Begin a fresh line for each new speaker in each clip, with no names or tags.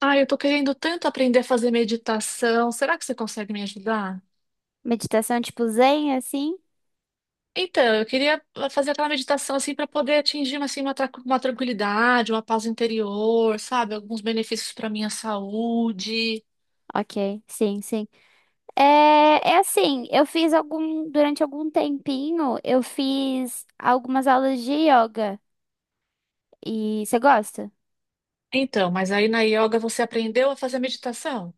Ah, eu tô querendo tanto aprender a fazer meditação. Será que você consegue me ajudar?
Meditação tipo zen, assim?
Então, eu queria fazer aquela meditação assim para poder atingir assim, uma tranquilidade, uma paz interior, sabe? Alguns benefícios para minha saúde.
Ok, sim, sim. É, é, assim, durante algum tempinho, eu fiz algumas aulas de yoga. E você gosta?
Então, mas aí na yoga você aprendeu a fazer meditação?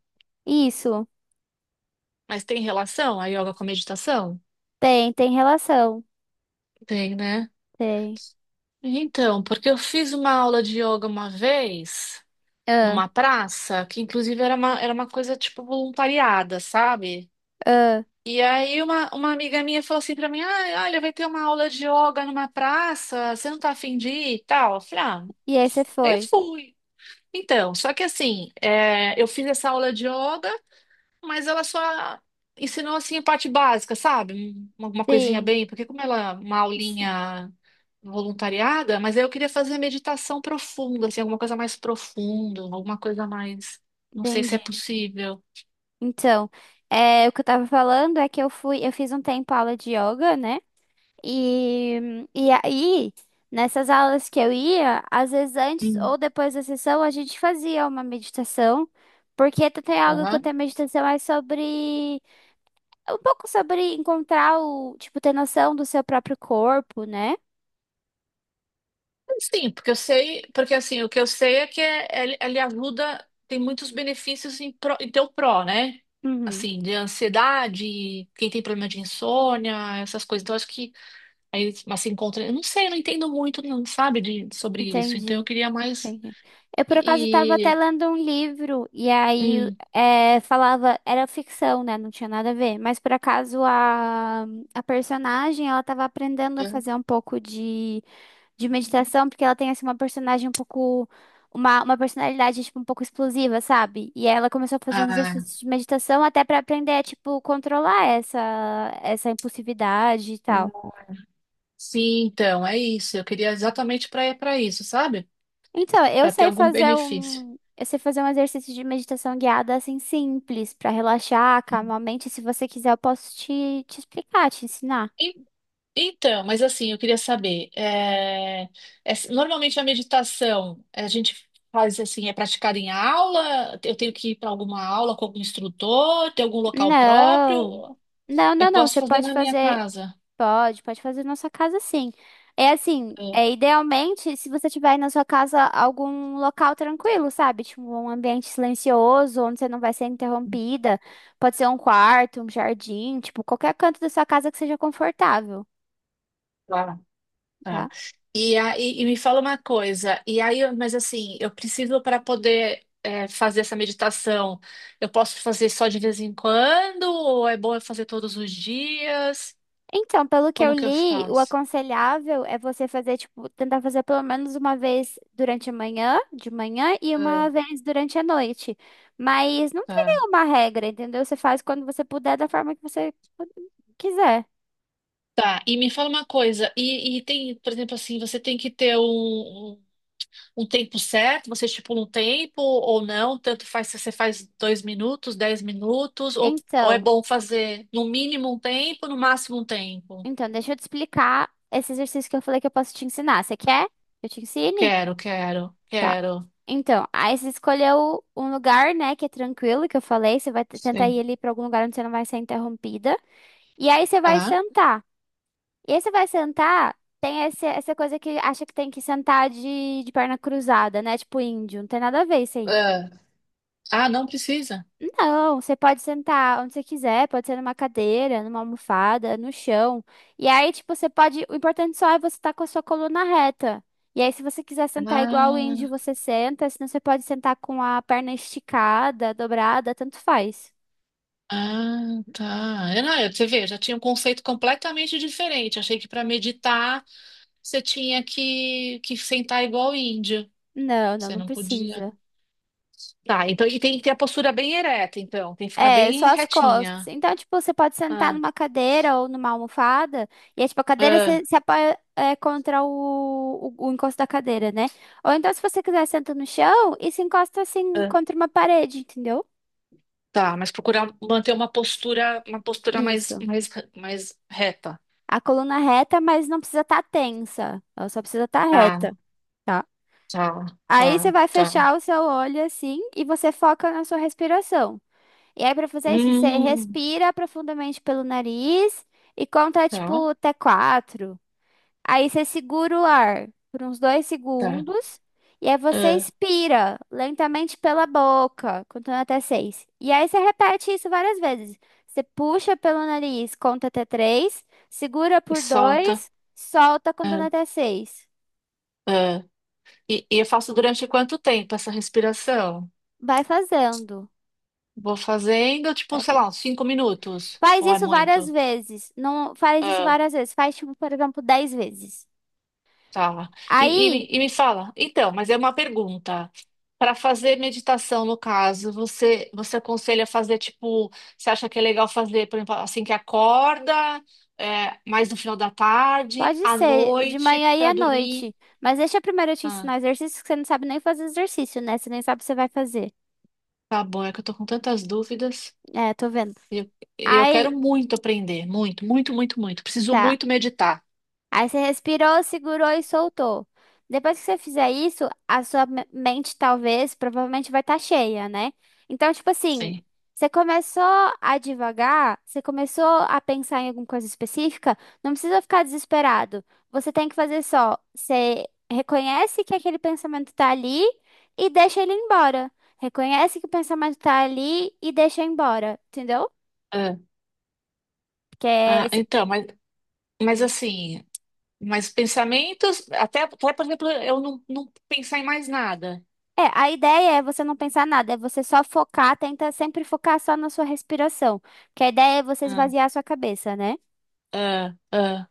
Isso,
Mas tem relação a yoga com a meditação?
tem relação.
Tem, né?
Tem.
Então, porque eu fiz uma aula de yoga uma vez,
Ah,
numa praça, que inclusive era uma coisa tipo voluntariada, sabe?
ah.
E aí uma amiga minha falou assim pra mim, ah, olha, vai ter uma aula de yoga numa praça, você não tá afim de ir e tal? Eu falei, ah,
E aí você
aí eu
foi?
fui. Então, só que assim, eu fiz essa aula de yoga, mas ela só ensinou assim a parte básica, sabe? Alguma coisinha
Sim,
bem, porque como ela é uma
sim,
aulinha voluntariada, mas aí eu queria fazer meditação profunda, assim, alguma coisa mais profunda, alguma coisa mais, não sei se é
entendi.
possível.
Então, o que eu tava falando é que eu fui, eu fiz um tempo aula de yoga, né? E, e aí, nessas aulas que eu ia, às vezes antes
Hum.
ou depois da sessão, a gente fazia uma meditação, porque Theta Yoga, quanto é meditação, é um pouco sobre encontrar o, tipo, ter noção do seu próprio corpo, né?
Sim, porque eu sei, porque assim, o que eu sei é que ele ajuda, tem muitos benefícios em teu pró, né?
Uhum,
Assim, de ansiedade, quem tem problema de insônia, essas coisas. Então, acho que aí mas se encontra. Eu não sei, eu não entendo muito, não, sabe, sobre isso. Então, eu
entendi.
queria mais.
Entendi. Eu, por acaso, estava até
E.
lendo um livro, e aí
Hum,
falava, era ficção, né? Não tinha nada a ver, mas por acaso a personagem, ela estava aprendendo a fazer um pouco de meditação, porque ela tem assim uma personalidade tipo um pouco explosiva, sabe? E ela começou a fazer uns
ah,
exercícios de meditação até pra aprender a tipo controlar essa impulsividade e tal.
sim, então, é isso. Eu queria exatamente para isso, sabe?
Então, eu
Para ter
sei
algum
fazer
benefício.
um eu sei fazer um exercício de meditação guiada assim simples pra relaxar, calmar a mente. Se você quiser, eu posso te explicar, te ensinar.
Então, mas assim, eu queria saber, normalmente a meditação a gente faz assim, é praticada em aula? Eu tenho que ir para alguma aula com algum instrutor? Tem algum local
Não.
próprio?
Não,
Eu
não, não.
posso
Você
fazer
pode
na minha
fazer.
casa?
Pode fazer na sua casa, sim. É assim,
É.
idealmente se você tiver aí na sua casa algum local tranquilo, sabe? Tipo um ambiente silencioso, onde você não vai ser interrompida. Pode ser um quarto, um jardim, tipo qualquer canto da sua casa que seja confortável,
Tá, tá.
tá?
E, aí, e me fala uma coisa, e aí, mas assim, eu preciso para poder fazer essa meditação, eu posso fazer só de vez em quando? Ou é bom eu fazer todos os dias?
Então, pelo que eu
Como que eu
li, o
faço?
aconselhável é você fazer, tipo, tentar fazer pelo menos uma vez durante a manhã, de manhã, e uma
É,
vez durante a noite. Mas não tem
tá.
nenhuma regra, entendeu? Você faz quando você puder, da forma que você quiser.
Tá, e me fala uma coisa, e tem, por exemplo, assim, você tem que ter um tempo certo, você estipula um tempo ou não, tanto faz se você faz 2 minutos, 10 minutos, ou é
Então,
bom fazer no mínimo um tempo, no máximo um tempo?
então, deixa eu te explicar esse exercício que eu falei que eu posso te ensinar. Você quer que eu te ensine?
Quero, quero,
Tá.
quero.
Então, aí você escolheu um lugar, né, que é tranquilo, que eu falei. Você vai tentar
Sim.
ir ali pra algum lugar onde você não vai ser interrompida. E aí você vai
Tá.
sentar. E aí você vai sentar, tem essa coisa que acha que tem que sentar de perna cruzada, né? Tipo índio, não tem nada a ver isso aí.
Ah, ah, não precisa?
Não, você pode sentar onde você quiser, pode ser numa cadeira, numa almofada, no chão. E aí, tipo, você pode. O importante só é você estar com a sua coluna reta. E aí, se você quiser sentar igual o índio,
Ah,
você senta. Senão, você pode sentar com a perna esticada, dobrada, tanto faz.
ah, tá. Eu, não, eu, você vê, eu já tinha um conceito completamente diferente. Achei que para meditar você tinha que sentar igual índio.
Não, não,
Você
não
não podia.
precisa.
Tá, então e tem que ter a postura bem ereta, então. Tem que ficar
É, só
bem
as costas.
retinha.
Então, tipo, você pode sentar
Ah,
numa cadeira ou numa almofada, e aí, tipo, a cadeira
ah,
se apoia contra o encosto da cadeira, né? Ou então, se você quiser, senta no chão e se encosta assim
ah.
contra uma parede, entendeu?
Tá, mas procurar manter uma postura mais,
Isso.
reta.
A coluna reta, mas não precisa estar tensa. Ela só precisa estar reta,
Ah,
tá?
tá,
Aí você
tá,
vai
tá.
fechar o seu olho assim e você foca na sua respiração. E aí, pra fazer isso, você
Hum,
respira profundamente pelo nariz. E conta,
tá,
tipo, até quatro. Aí você segura o ar por uns dois
tá.
segundos. E aí você
Ah,
expira lentamente pela boca, contando até seis. E aí você repete isso várias vezes. Você puxa pelo nariz, conta até três. Segura
e
por
solta.
dois, solta contando
Ah,
até seis.
ah. E eu faço durante quanto tempo essa respiração?
Vai fazendo.
Vou fazendo, tipo,
Vai
sei
fa-
lá, uns 5 minutos.
Faz
Ou é
isso várias
muito?
vezes. Não faz isso
Ah.
várias vezes. Faz, tipo, por exemplo, 10 vezes.
Tá. E, e
Aí.
me e me fala, então, mas é uma pergunta. Para fazer meditação, no caso, você aconselha fazer tipo, você acha que é legal fazer, por exemplo, assim que acorda, mais no final da tarde,
Pode
à
ser, de
noite,
manhã e
para
à
dormir?
noite. Mas deixa primeiro eu te
Ah,
ensinar exercício, que você não sabe nem fazer exercício, né? Você nem sabe o que você vai fazer.
tá bom, é que eu tô com tantas dúvidas.
É, tô vendo.
e Eu, e eu
Aí,
quero muito aprender, muito, muito, muito, muito. Preciso
tá.
muito meditar.
Aí você respirou, segurou e soltou. Depois que você fizer isso, a sua mente talvez, provavelmente vai estar cheia, né? Então, tipo assim,
Sim.
você começou a divagar, você começou a pensar em alguma coisa específica, não precisa ficar desesperado. Você tem que fazer só, você reconhece que aquele pensamento tá ali e deixa ele embora. Reconhece que o pensamento tá ali e deixa embora, entendeu?
Ah,
Que é
ah,
esse...
então, mas
Hum.
assim. Mas pensamentos, até por exemplo, eu não, não pensar em mais nada.
É, a ideia é você não pensar nada, é você só focar, tenta sempre focar só na sua respiração, porque a ideia é você
Ah,
esvaziar a sua cabeça, né?
Ah, ah,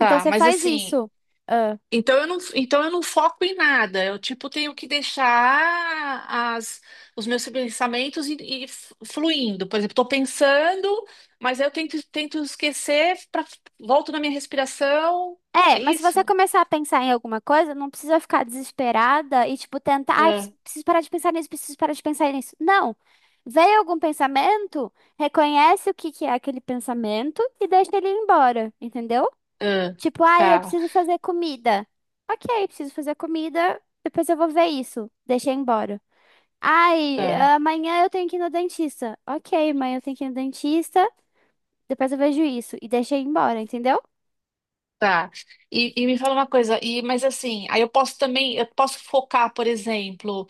Então você
mas
faz
assim,
isso. Ah.
então eu não foco em nada. Eu tipo tenho que deixar as, os meus pensamentos e fluindo. Por exemplo, estou pensando, mas aí eu tento esquecer, volto na minha respiração. É
É, mas se você
isso?
começar a pensar em alguma coisa, não precisa ficar desesperada e, tipo, tentar, ai,
Ah,
preciso parar de pensar nisso, preciso parar de pensar nisso. Não. Veio algum pensamento, reconhece o que que é aquele pensamento e deixa ele ir embora, entendeu?
ah,
Tipo, ai, eu
tá.
preciso fazer comida. Ok, preciso fazer comida, depois eu vou ver isso. Deixa ir embora. Ai,
Ah.
amanhã eu tenho que ir no dentista. Ok, amanhã eu tenho que ir no dentista. Depois eu vejo isso. E deixei embora, entendeu?
Tá. E me fala uma coisa, mas assim, aí eu posso focar, por exemplo,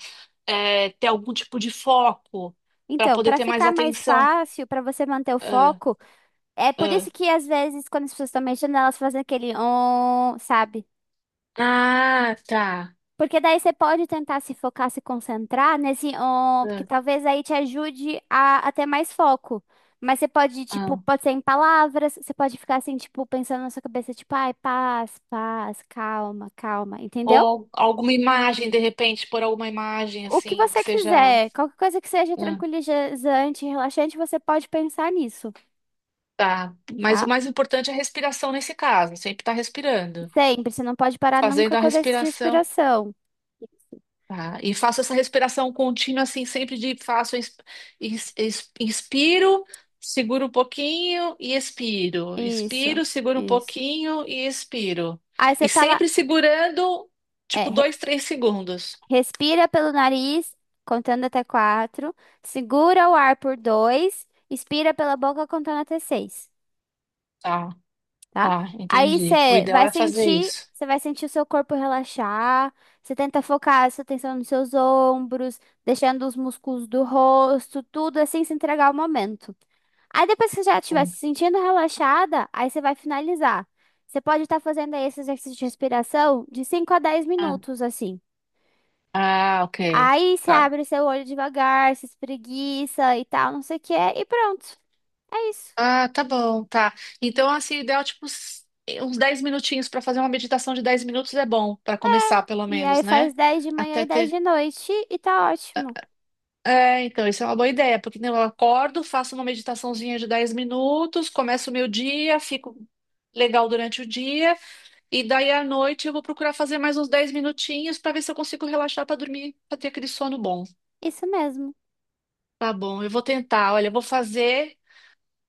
ter algum tipo de foco para
Então,
poder
pra
ter mais
ficar mais
atenção.
fácil, pra você manter o
Ah,
foco, é por
ah.
isso que às vezes, quando as pessoas estão mexendo, elas fazem aquele on, sabe?
Ah, tá.
Porque daí você pode tentar se focar, se concentrar nesse on, porque
Ah,
talvez aí te ajude a ter mais foco. Mas você pode, tipo,
ah.
pode ser em palavras, você pode ficar assim, tipo, pensando na sua cabeça, tipo, ai, paz, paz, calma, calma, entendeu?
Ou alguma imagem, de repente, por alguma imagem
O que
assim, que
você
seja.
quiser, qualquer coisa que seja
Ah,
tranquilizante, relaxante, você pode pensar nisso,
tá. Mas o
tá?
mais importante é a respiração nesse caso, sempre estar respirando.
Sempre, você não pode parar
Fazendo
nunca
a
com o exercício de
respiração.
respiração.
Tá, e faço essa respiração contínua, assim, sempre de faço, inspiro, seguro um pouquinho e expiro.
Isso,
Inspiro, seguro um
isso.
pouquinho e expiro.
Aí
E
você tá lá,
sempre segurando,
é,
tipo,
re-
2, 3 segundos.
respira pelo nariz, contando até quatro, segura o ar por dois, expira pela boca contando até seis.
Tá,
Tá?
tá,
Aí
entendi. O ideal é fazer isso.
você vai sentir o seu corpo relaxar, você tenta focar a sua atenção nos seus ombros, deixando os músculos do rosto, tudo assim, se entregar ao momento. Aí depois que você já estiver
Hum.
se sentindo relaxada, aí você vai finalizar. Você pode estar fazendo aí esse exercício de respiração de cinco a dez
Ah,
minutos, assim.
ah, ok.
Aí você
Tá.
abre o seu olho devagar, se espreguiça e tal, não sei o que, e pronto. É isso.
Ah, tá bom, tá. Então, assim, o ideal, tipo, uns 10 minutinhos para fazer uma meditação de 10 minutos é bom, para começar, pelo
E
menos,
aí
né?
faz 10 de manhã
Até
e 10
ter.
de noite e tá ótimo.
É, então, isso é uma boa ideia, porque né, eu acordo, faço uma meditaçãozinha de 10 minutos, começo o meu dia, fico legal durante o dia, e daí à noite eu vou procurar fazer mais uns 10 minutinhos para ver se eu consigo relaxar para dormir, para ter aquele sono bom.
Isso mesmo.
Tá bom, eu vou tentar. Olha, eu vou fazer,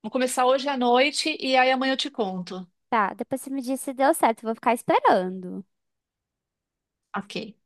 vou começar hoje à noite e aí amanhã eu te conto.
Tá, depois você me diz se deu certo. Eu vou ficar esperando.
Ok.